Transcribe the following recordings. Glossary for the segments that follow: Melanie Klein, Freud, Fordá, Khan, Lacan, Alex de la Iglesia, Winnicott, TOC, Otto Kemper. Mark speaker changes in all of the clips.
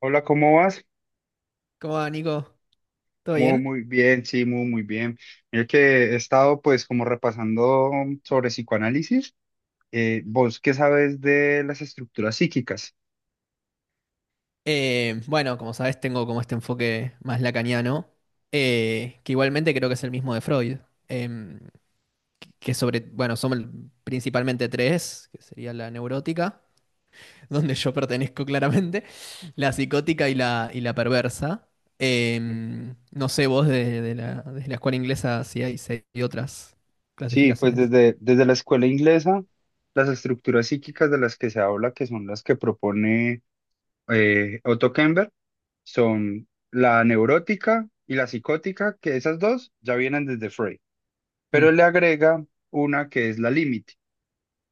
Speaker 1: Hola, ¿cómo vas?
Speaker 2: ¿Cómo va, Nico? ¿Todo
Speaker 1: Muy,
Speaker 2: bien?
Speaker 1: muy bien, sí, muy, muy bien. Mira que he estado pues como repasando sobre psicoanálisis. ¿Vos qué sabes de las estructuras psíquicas?
Speaker 2: Bueno, como sabes, tengo como este enfoque más lacaniano, que igualmente creo que es el mismo de Freud, em, que sobre, bueno, son principalmente tres, que sería la neurótica, donde yo pertenezco claramente, la psicótica y la perversa. Em, no sé vos de la escuela inglesa si hay, si hay otras
Speaker 1: Sí, pues
Speaker 2: clasificaciones.
Speaker 1: desde la escuela inglesa, las estructuras psíquicas de las que se habla, que son las que propone Otto Kemper, son la neurótica y la psicótica, que esas dos ya vienen desde Freud, pero
Speaker 2: Mm.
Speaker 1: le agrega una que es la límite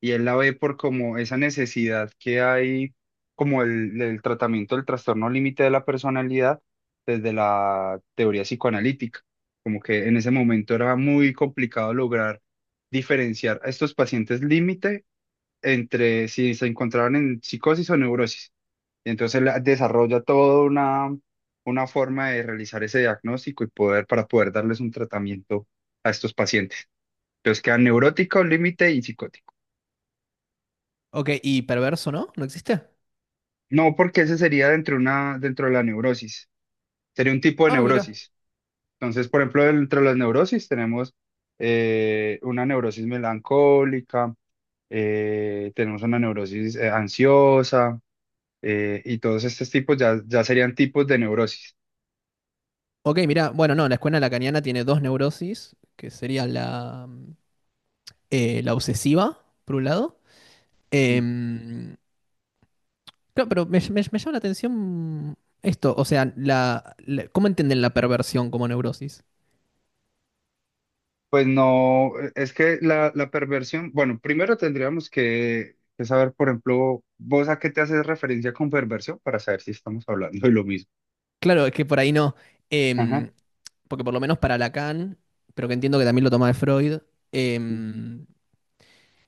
Speaker 1: y él la ve por como esa necesidad que hay, como el tratamiento del trastorno límite de la personalidad desde la teoría psicoanalítica, como que en ese momento era muy complicado lograr diferenciar a estos pacientes límite entre si se encontraban en psicosis o neurosis. Y entonces él desarrolla toda una forma de realizar ese diagnóstico y para poder darles un tratamiento a estos pacientes. Entonces quedan neuróticos, límite y psicóticos.
Speaker 2: Ok, ¿y perverso no? ¿No existe?
Speaker 1: No, porque ese sería dentro de la neurosis. Sería un tipo de
Speaker 2: Ah, mira.
Speaker 1: neurosis. Entonces, por ejemplo, dentro de las neurosis tenemos una neurosis melancólica, tenemos una neurosis ansiosa, y todos estos tipos ya serían tipos de neurosis.
Speaker 2: Ok, mira, bueno, no, la escuela lacaniana tiene dos neurosis, que sería la obsesiva, por un lado.
Speaker 1: Sí.
Speaker 2: Em, claro, pero me llama la atención esto, o sea, ¿cómo entienden la perversión como neurosis?
Speaker 1: Pues no, es que la perversión, bueno, primero tendríamos que saber, por ejemplo, vos a qué te haces referencia con perversión para saber si estamos hablando de lo mismo.
Speaker 2: Claro, es que por ahí no,
Speaker 1: Ajá,
Speaker 2: em, porque por lo menos para Lacan, pero que entiendo que también lo toma de Freud, em,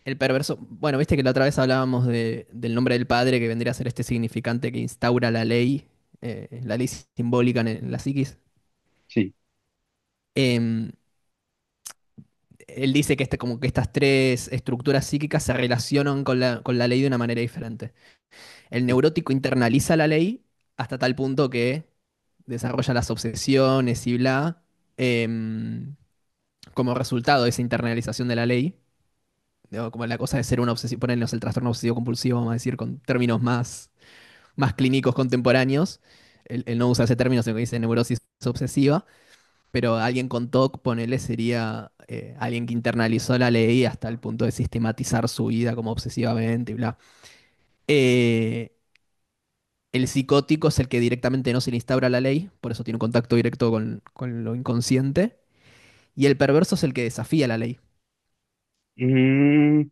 Speaker 2: el perverso, bueno, viste que la otra vez hablábamos de- del nombre del padre, que vendría a ser este significante que instaura la ley simbólica en el- en la psiquis.
Speaker 1: sí.
Speaker 2: Em, él dice que, este, como que estas tres estructuras psíquicas se relacionan con la ley de una manera diferente. El neurótico internaliza la ley hasta tal punto que desarrolla las obsesiones y bla, em, como resultado de esa internalización de la ley, digo, como la cosa de ser una obsesión, ponernos el trastorno obsesivo compulsivo, vamos a decir, con términos más, más clínicos contemporáneos. Él no usa ese término, sino que dice neurosis obsesiva. Pero alguien con TOC, ponele, sería alguien que internalizó la ley hasta el punto de sistematizar su vida como obsesivamente y bla. Eh, el psicótico es el que directamente no se le instaura la ley, por eso tiene un contacto directo con lo inconsciente. Y el perverso es el que desafía la ley.
Speaker 1: Mm,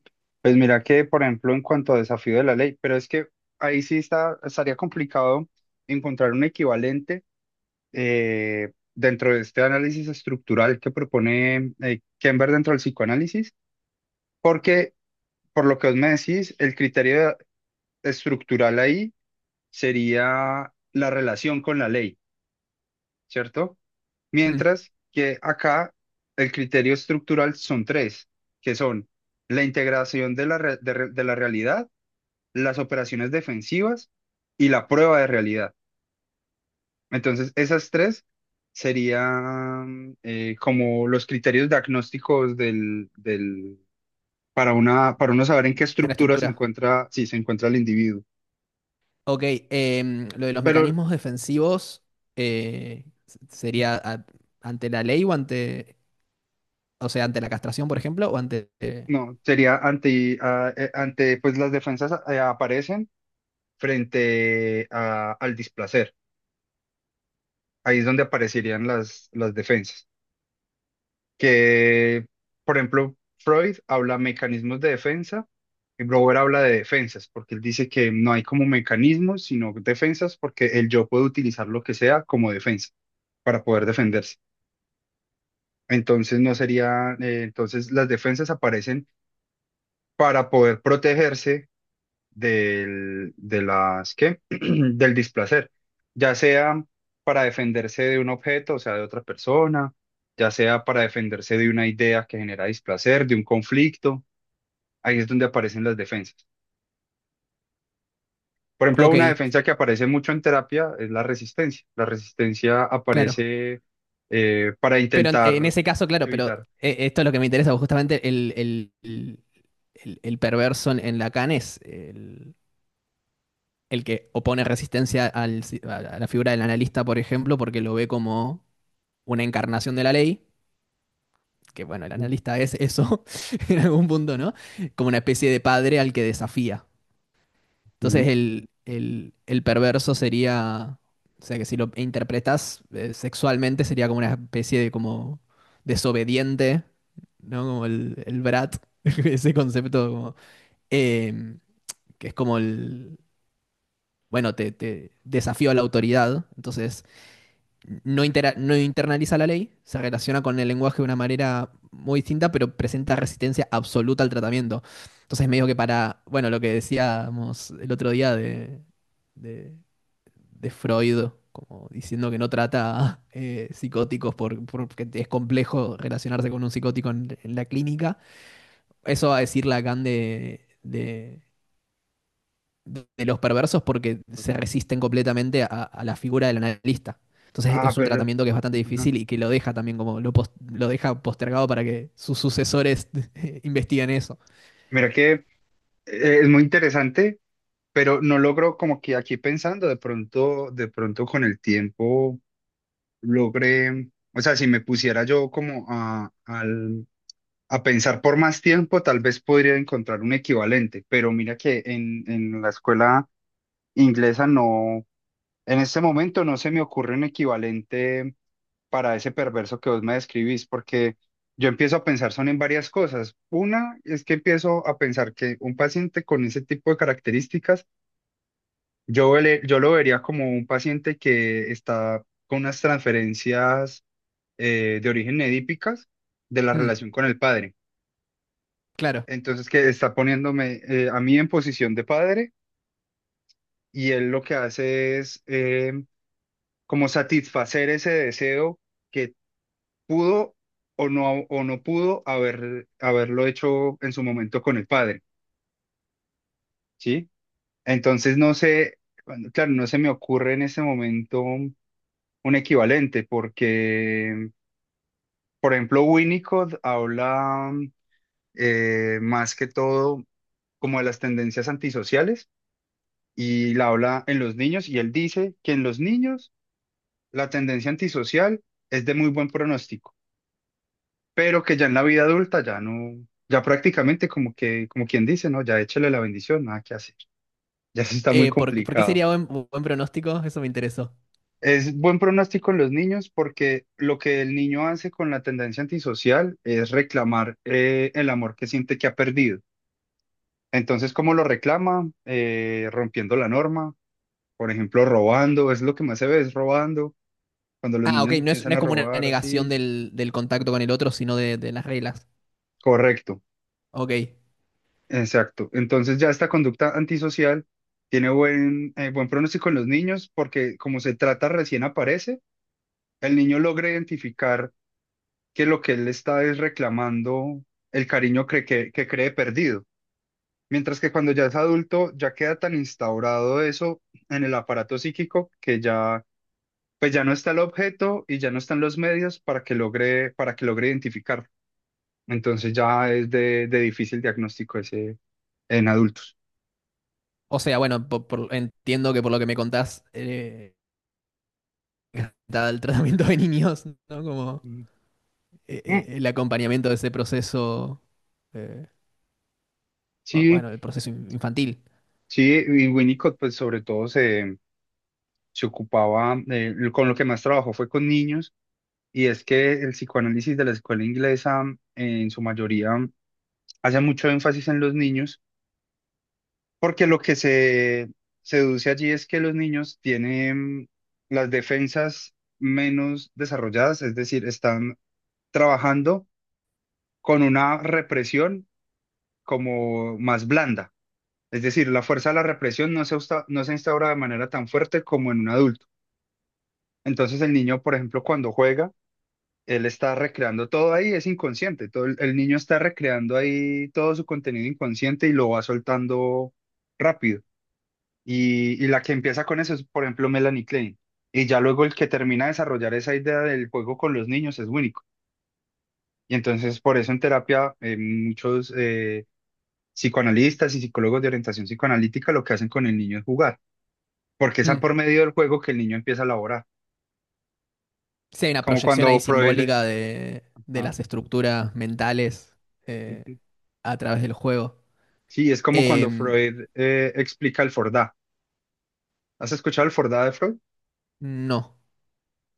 Speaker 1: pues mira que, por ejemplo, en cuanto a desafío de la ley, pero es que ahí sí estaría complicado encontrar un equivalente dentro de este análisis estructural que propone Kember dentro del psicoanálisis, porque por lo que vos me decís, el criterio estructural ahí sería la relación con la ley, ¿cierto?
Speaker 2: Mm,
Speaker 1: Mientras que acá el criterio estructural son tres, que son la integración de la, re- de la realidad, las operaciones defensivas y la prueba de realidad. Entonces, esas tres serían como los criterios diagnósticos para para uno saber en qué
Speaker 2: de la
Speaker 1: estructura se
Speaker 2: estructura.
Speaker 1: encuentra, si se encuentra el individuo.
Speaker 2: Ok, lo de los
Speaker 1: Pero
Speaker 2: mecanismos defensivos sería ante la ley o ante, o sea, ante la castración, por ejemplo, o ante...
Speaker 1: no, sería ante pues las defensas aparecen frente al displacer. Ahí es donde aparecerían las defensas. Que, por ejemplo, Freud habla mecanismos de defensa y Brower habla de defensas, porque él dice que no hay como mecanismos, sino defensas, porque el yo puede utilizar lo que sea como defensa para poder defenderse. Entonces no sería, entonces las defensas aparecen para poder protegerse de las, ¿qué? del displacer, ya sea para defenderse de un objeto, o sea, de otra persona, ya sea para defenderse de una idea que genera displacer, de un conflicto, ahí es donde aparecen las defensas. Por ejemplo,
Speaker 2: ok,
Speaker 1: una defensa que aparece mucho en terapia es la resistencia. La resistencia
Speaker 2: claro.
Speaker 1: aparece para
Speaker 2: Pero en
Speaker 1: intentar
Speaker 2: ese caso, claro, pero
Speaker 1: evitar.
Speaker 2: esto es lo que me interesa, justamente el perverso en Lacan es el que opone resistencia al a la figura del analista, por ejemplo, porque lo ve como una encarnación de la ley, que bueno, el
Speaker 1: Ujú.
Speaker 2: analista es eso en algún punto, ¿no? Como una especie de padre al que desafía. Entonces
Speaker 1: Ujú.
Speaker 2: el perverso sería, o sea que si lo interpretas sexualmente sería como una especie de como desobediente, ¿no? Como el brat, ese concepto como, eh, que es como el, bueno, te desafío a la autoridad, entonces no, no internaliza la ley, se relaciona con el lenguaje de una manera muy distinta, pero presenta resistencia absoluta al tratamiento. Entonces, medio que para, bueno, lo que decíamos el otro día de, de Freud, como diciendo que no trata psicóticos por, porque es complejo relacionarse con un psicótico en la clínica, eso va a decir Lacan de los perversos porque se resisten completamente a la figura del analista. Entonces
Speaker 1: Ah,
Speaker 2: es un
Speaker 1: pero
Speaker 2: tratamiento que es bastante
Speaker 1: ajá.
Speaker 2: difícil y que lo deja también como lo, lo deja postergado para que sus sucesores investiguen eso.
Speaker 1: Mira que es muy interesante pero no logro como que aquí pensando, de pronto con el tiempo logré, o sea, si me pusiera yo como a pensar por más tiempo, tal vez podría encontrar un equivalente, pero mira que en la escuela inglesa no, en este momento no se me ocurre un equivalente para ese perverso que vos me describís, porque yo empiezo a pensar son en varias cosas. Una es que empiezo a pensar que un paciente con ese tipo de características. Yo lo vería como un paciente que está con unas transferencias de origen edípicas de la
Speaker 2: Mm,
Speaker 1: relación con el padre.
Speaker 2: claro.
Speaker 1: Entonces, que está poniéndome a mí en posición de padre y él lo que hace es como satisfacer ese deseo que pudo o no pudo haberlo hecho en su momento con el padre, ¿sí? Entonces, no sé, bueno, claro, no se me ocurre en ese momento un equivalente porque... Por ejemplo, Winnicott habla más que todo como de las tendencias antisociales y la habla en los niños y él dice que en los niños la tendencia antisocial es de muy buen pronóstico, pero que ya en la vida adulta ya no, ya prácticamente como que, como quien dice, no, ya échale la bendición, nada que hacer, ya se está muy
Speaker 2: Por qué
Speaker 1: complicado.
Speaker 2: sería buen, buen pronóstico? Eso me interesó.
Speaker 1: Es buen pronóstico en los niños porque lo que el niño hace con la tendencia antisocial es reclamar el amor que siente que ha perdido. Entonces, ¿cómo lo reclama? Rompiendo la norma, por ejemplo, robando, es lo que más se ve, es robando, cuando los
Speaker 2: Ah, ok,
Speaker 1: niños
Speaker 2: no
Speaker 1: empiezan
Speaker 2: es
Speaker 1: a
Speaker 2: como una
Speaker 1: robar
Speaker 2: negación
Speaker 1: así.
Speaker 2: del, del contacto con el otro, sino de las reglas.
Speaker 1: Correcto,
Speaker 2: Ok.
Speaker 1: exacto. Entonces ya esta conducta antisocial tiene buen pronóstico en los niños porque como se trata recién aparece, el niño logra identificar que lo que él está es reclamando el cariño que cree perdido. Mientras que cuando ya es adulto, ya queda tan instaurado eso en el aparato psíquico que ya pues ya no está el objeto y ya no están los medios para que logre identificarlo. Entonces ya es de difícil diagnóstico ese en adultos.
Speaker 2: O sea, bueno, entiendo que por lo que me contás, está el tratamiento de niños, ¿no? Como
Speaker 1: Mm. Mm.
Speaker 2: el acompañamiento de ese proceso eh,
Speaker 1: Sí,
Speaker 2: bueno, el proceso in- infantil.
Speaker 1: sí, y Winnicott pues sobre todo se ocupaba, con lo que más trabajó fue con niños, y es que el psicoanálisis de la escuela inglesa en su mayoría hace mucho énfasis en los niños. Porque lo que se deduce allí es que los niños tienen las defensas menos desarrolladas, es decir, están trabajando con una represión como más blanda. Es decir, la fuerza de la represión no no se instaura de manera tan fuerte como en un adulto. Entonces el niño, por ejemplo, cuando juega, él está recreando todo ahí, es inconsciente. Todo el niño está recreando ahí todo su contenido inconsciente y lo va soltando rápido. Y la que empieza con eso es, por ejemplo, Melanie Klein. Y ya luego el que termina de desarrollar esa idea del juego con los niños es Winnicott. Y entonces por eso en terapia muchos psicoanalistas y psicólogos de orientación psicoanalítica lo que hacen con el niño es jugar, porque es a
Speaker 2: Mm.
Speaker 1: por medio del juego que el niño empieza a elaborar.
Speaker 2: Sí, hay una
Speaker 1: Como
Speaker 2: proyección
Speaker 1: cuando
Speaker 2: ahí
Speaker 1: Freud...
Speaker 2: simbólica de
Speaker 1: ah,
Speaker 2: las estructuras mentales eh,
Speaker 1: ujú.
Speaker 2: a través del juego.
Speaker 1: Sí, es como cuando
Speaker 2: Em,
Speaker 1: Freud explica el Fordá. ¿Has escuchado el Fordá de Freud?
Speaker 2: no.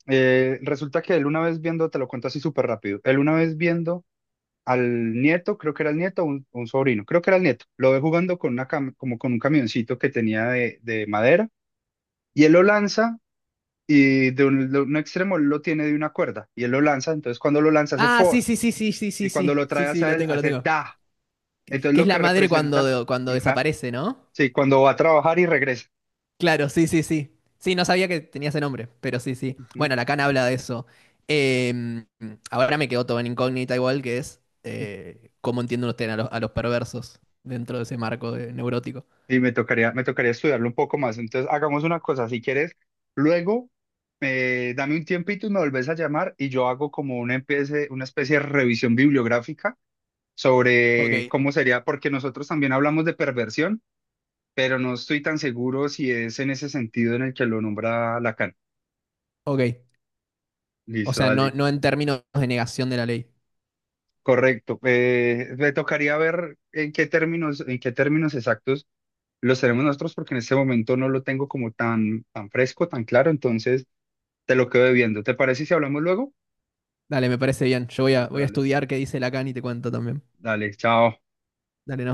Speaker 1: Resulta que él una vez viendo, te lo cuento así súper rápido, él una vez viendo al nieto, creo que era el nieto, un sobrino, creo que era el nieto, lo ve jugando con una como con un camioncito que tenía de madera y él lo lanza y de de un extremo él lo tiene de una cuerda y él lo lanza, entonces cuando lo lanza hace
Speaker 2: Ah, sí,
Speaker 1: for
Speaker 2: sí, sí, sí, sí, sí,
Speaker 1: y cuando
Speaker 2: sí,
Speaker 1: lo
Speaker 2: sí,
Speaker 1: trae
Speaker 2: sí,
Speaker 1: hacia
Speaker 2: lo
Speaker 1: él
Speaker 2: tengo, lo
Speaker 1: hace
Speaker 2: tengo.
Speaker 1: da, entonces
Speaker 2: Que es
Speaker 1: lo que
Speaker 2: la madre
Speaker 1: representa,
Speaker 2: cuando, cuando
Speaker 1: ajá,
Speaker 2: desaparece, ¿no?
Speaker 1: sí, cuando va a trabajar y regresa.
Speaker 2: Claro, sí, sí, sí. Sí, no sabía que tenía ese nombre, pero sí, sí.
Speaker 1: Ujú.
Speaker 2: Bueno, la Khan habla de eso. Eh, ahora me quedó todo en incógnita igual, que es cómo entienden ustedes a los perversos dentro de ese marco de- neurótico.
Speaker 1: Y me tocaría estudiarlo un poco más. Entonces, hagamos una cosa, si quieres, luego dame un tiempito y me volvés a llamar y yo hago como una especie de revisión bibliográfica
Speaker 2: Ok,
Speaker 1: sobre cómo sería, porque nosotros también hablamos de perversión, pero no estoy tan seguro si es en ese sentido en el que lo nombra Lacan.
Speaker 2: ok. O
Speaker 1: Listo,
Speaker 2: sea, no,
Speaker 1: dale.
Speaker 2: no en términos de negación de la ley.
Speaker 1: Correcto. Me tocaría ver en qué términos exactos los tenemos nosotros, porque en este momento no lo tengo como tan, tan fresco, tan claro. Entonces... Te lo quedo viendo. ¿Te parece si hablamos luego?
Speaker 2: Dale, me parece bien. Yo voy a,
Speaker 1: Listo,
Speaker 2: voy a
Speaker 1: dale.
Speaker 2: estudiar qué dice Lacan y te cuento también.
Speaker 1: Dale, chao.
Speaker 2: Dale,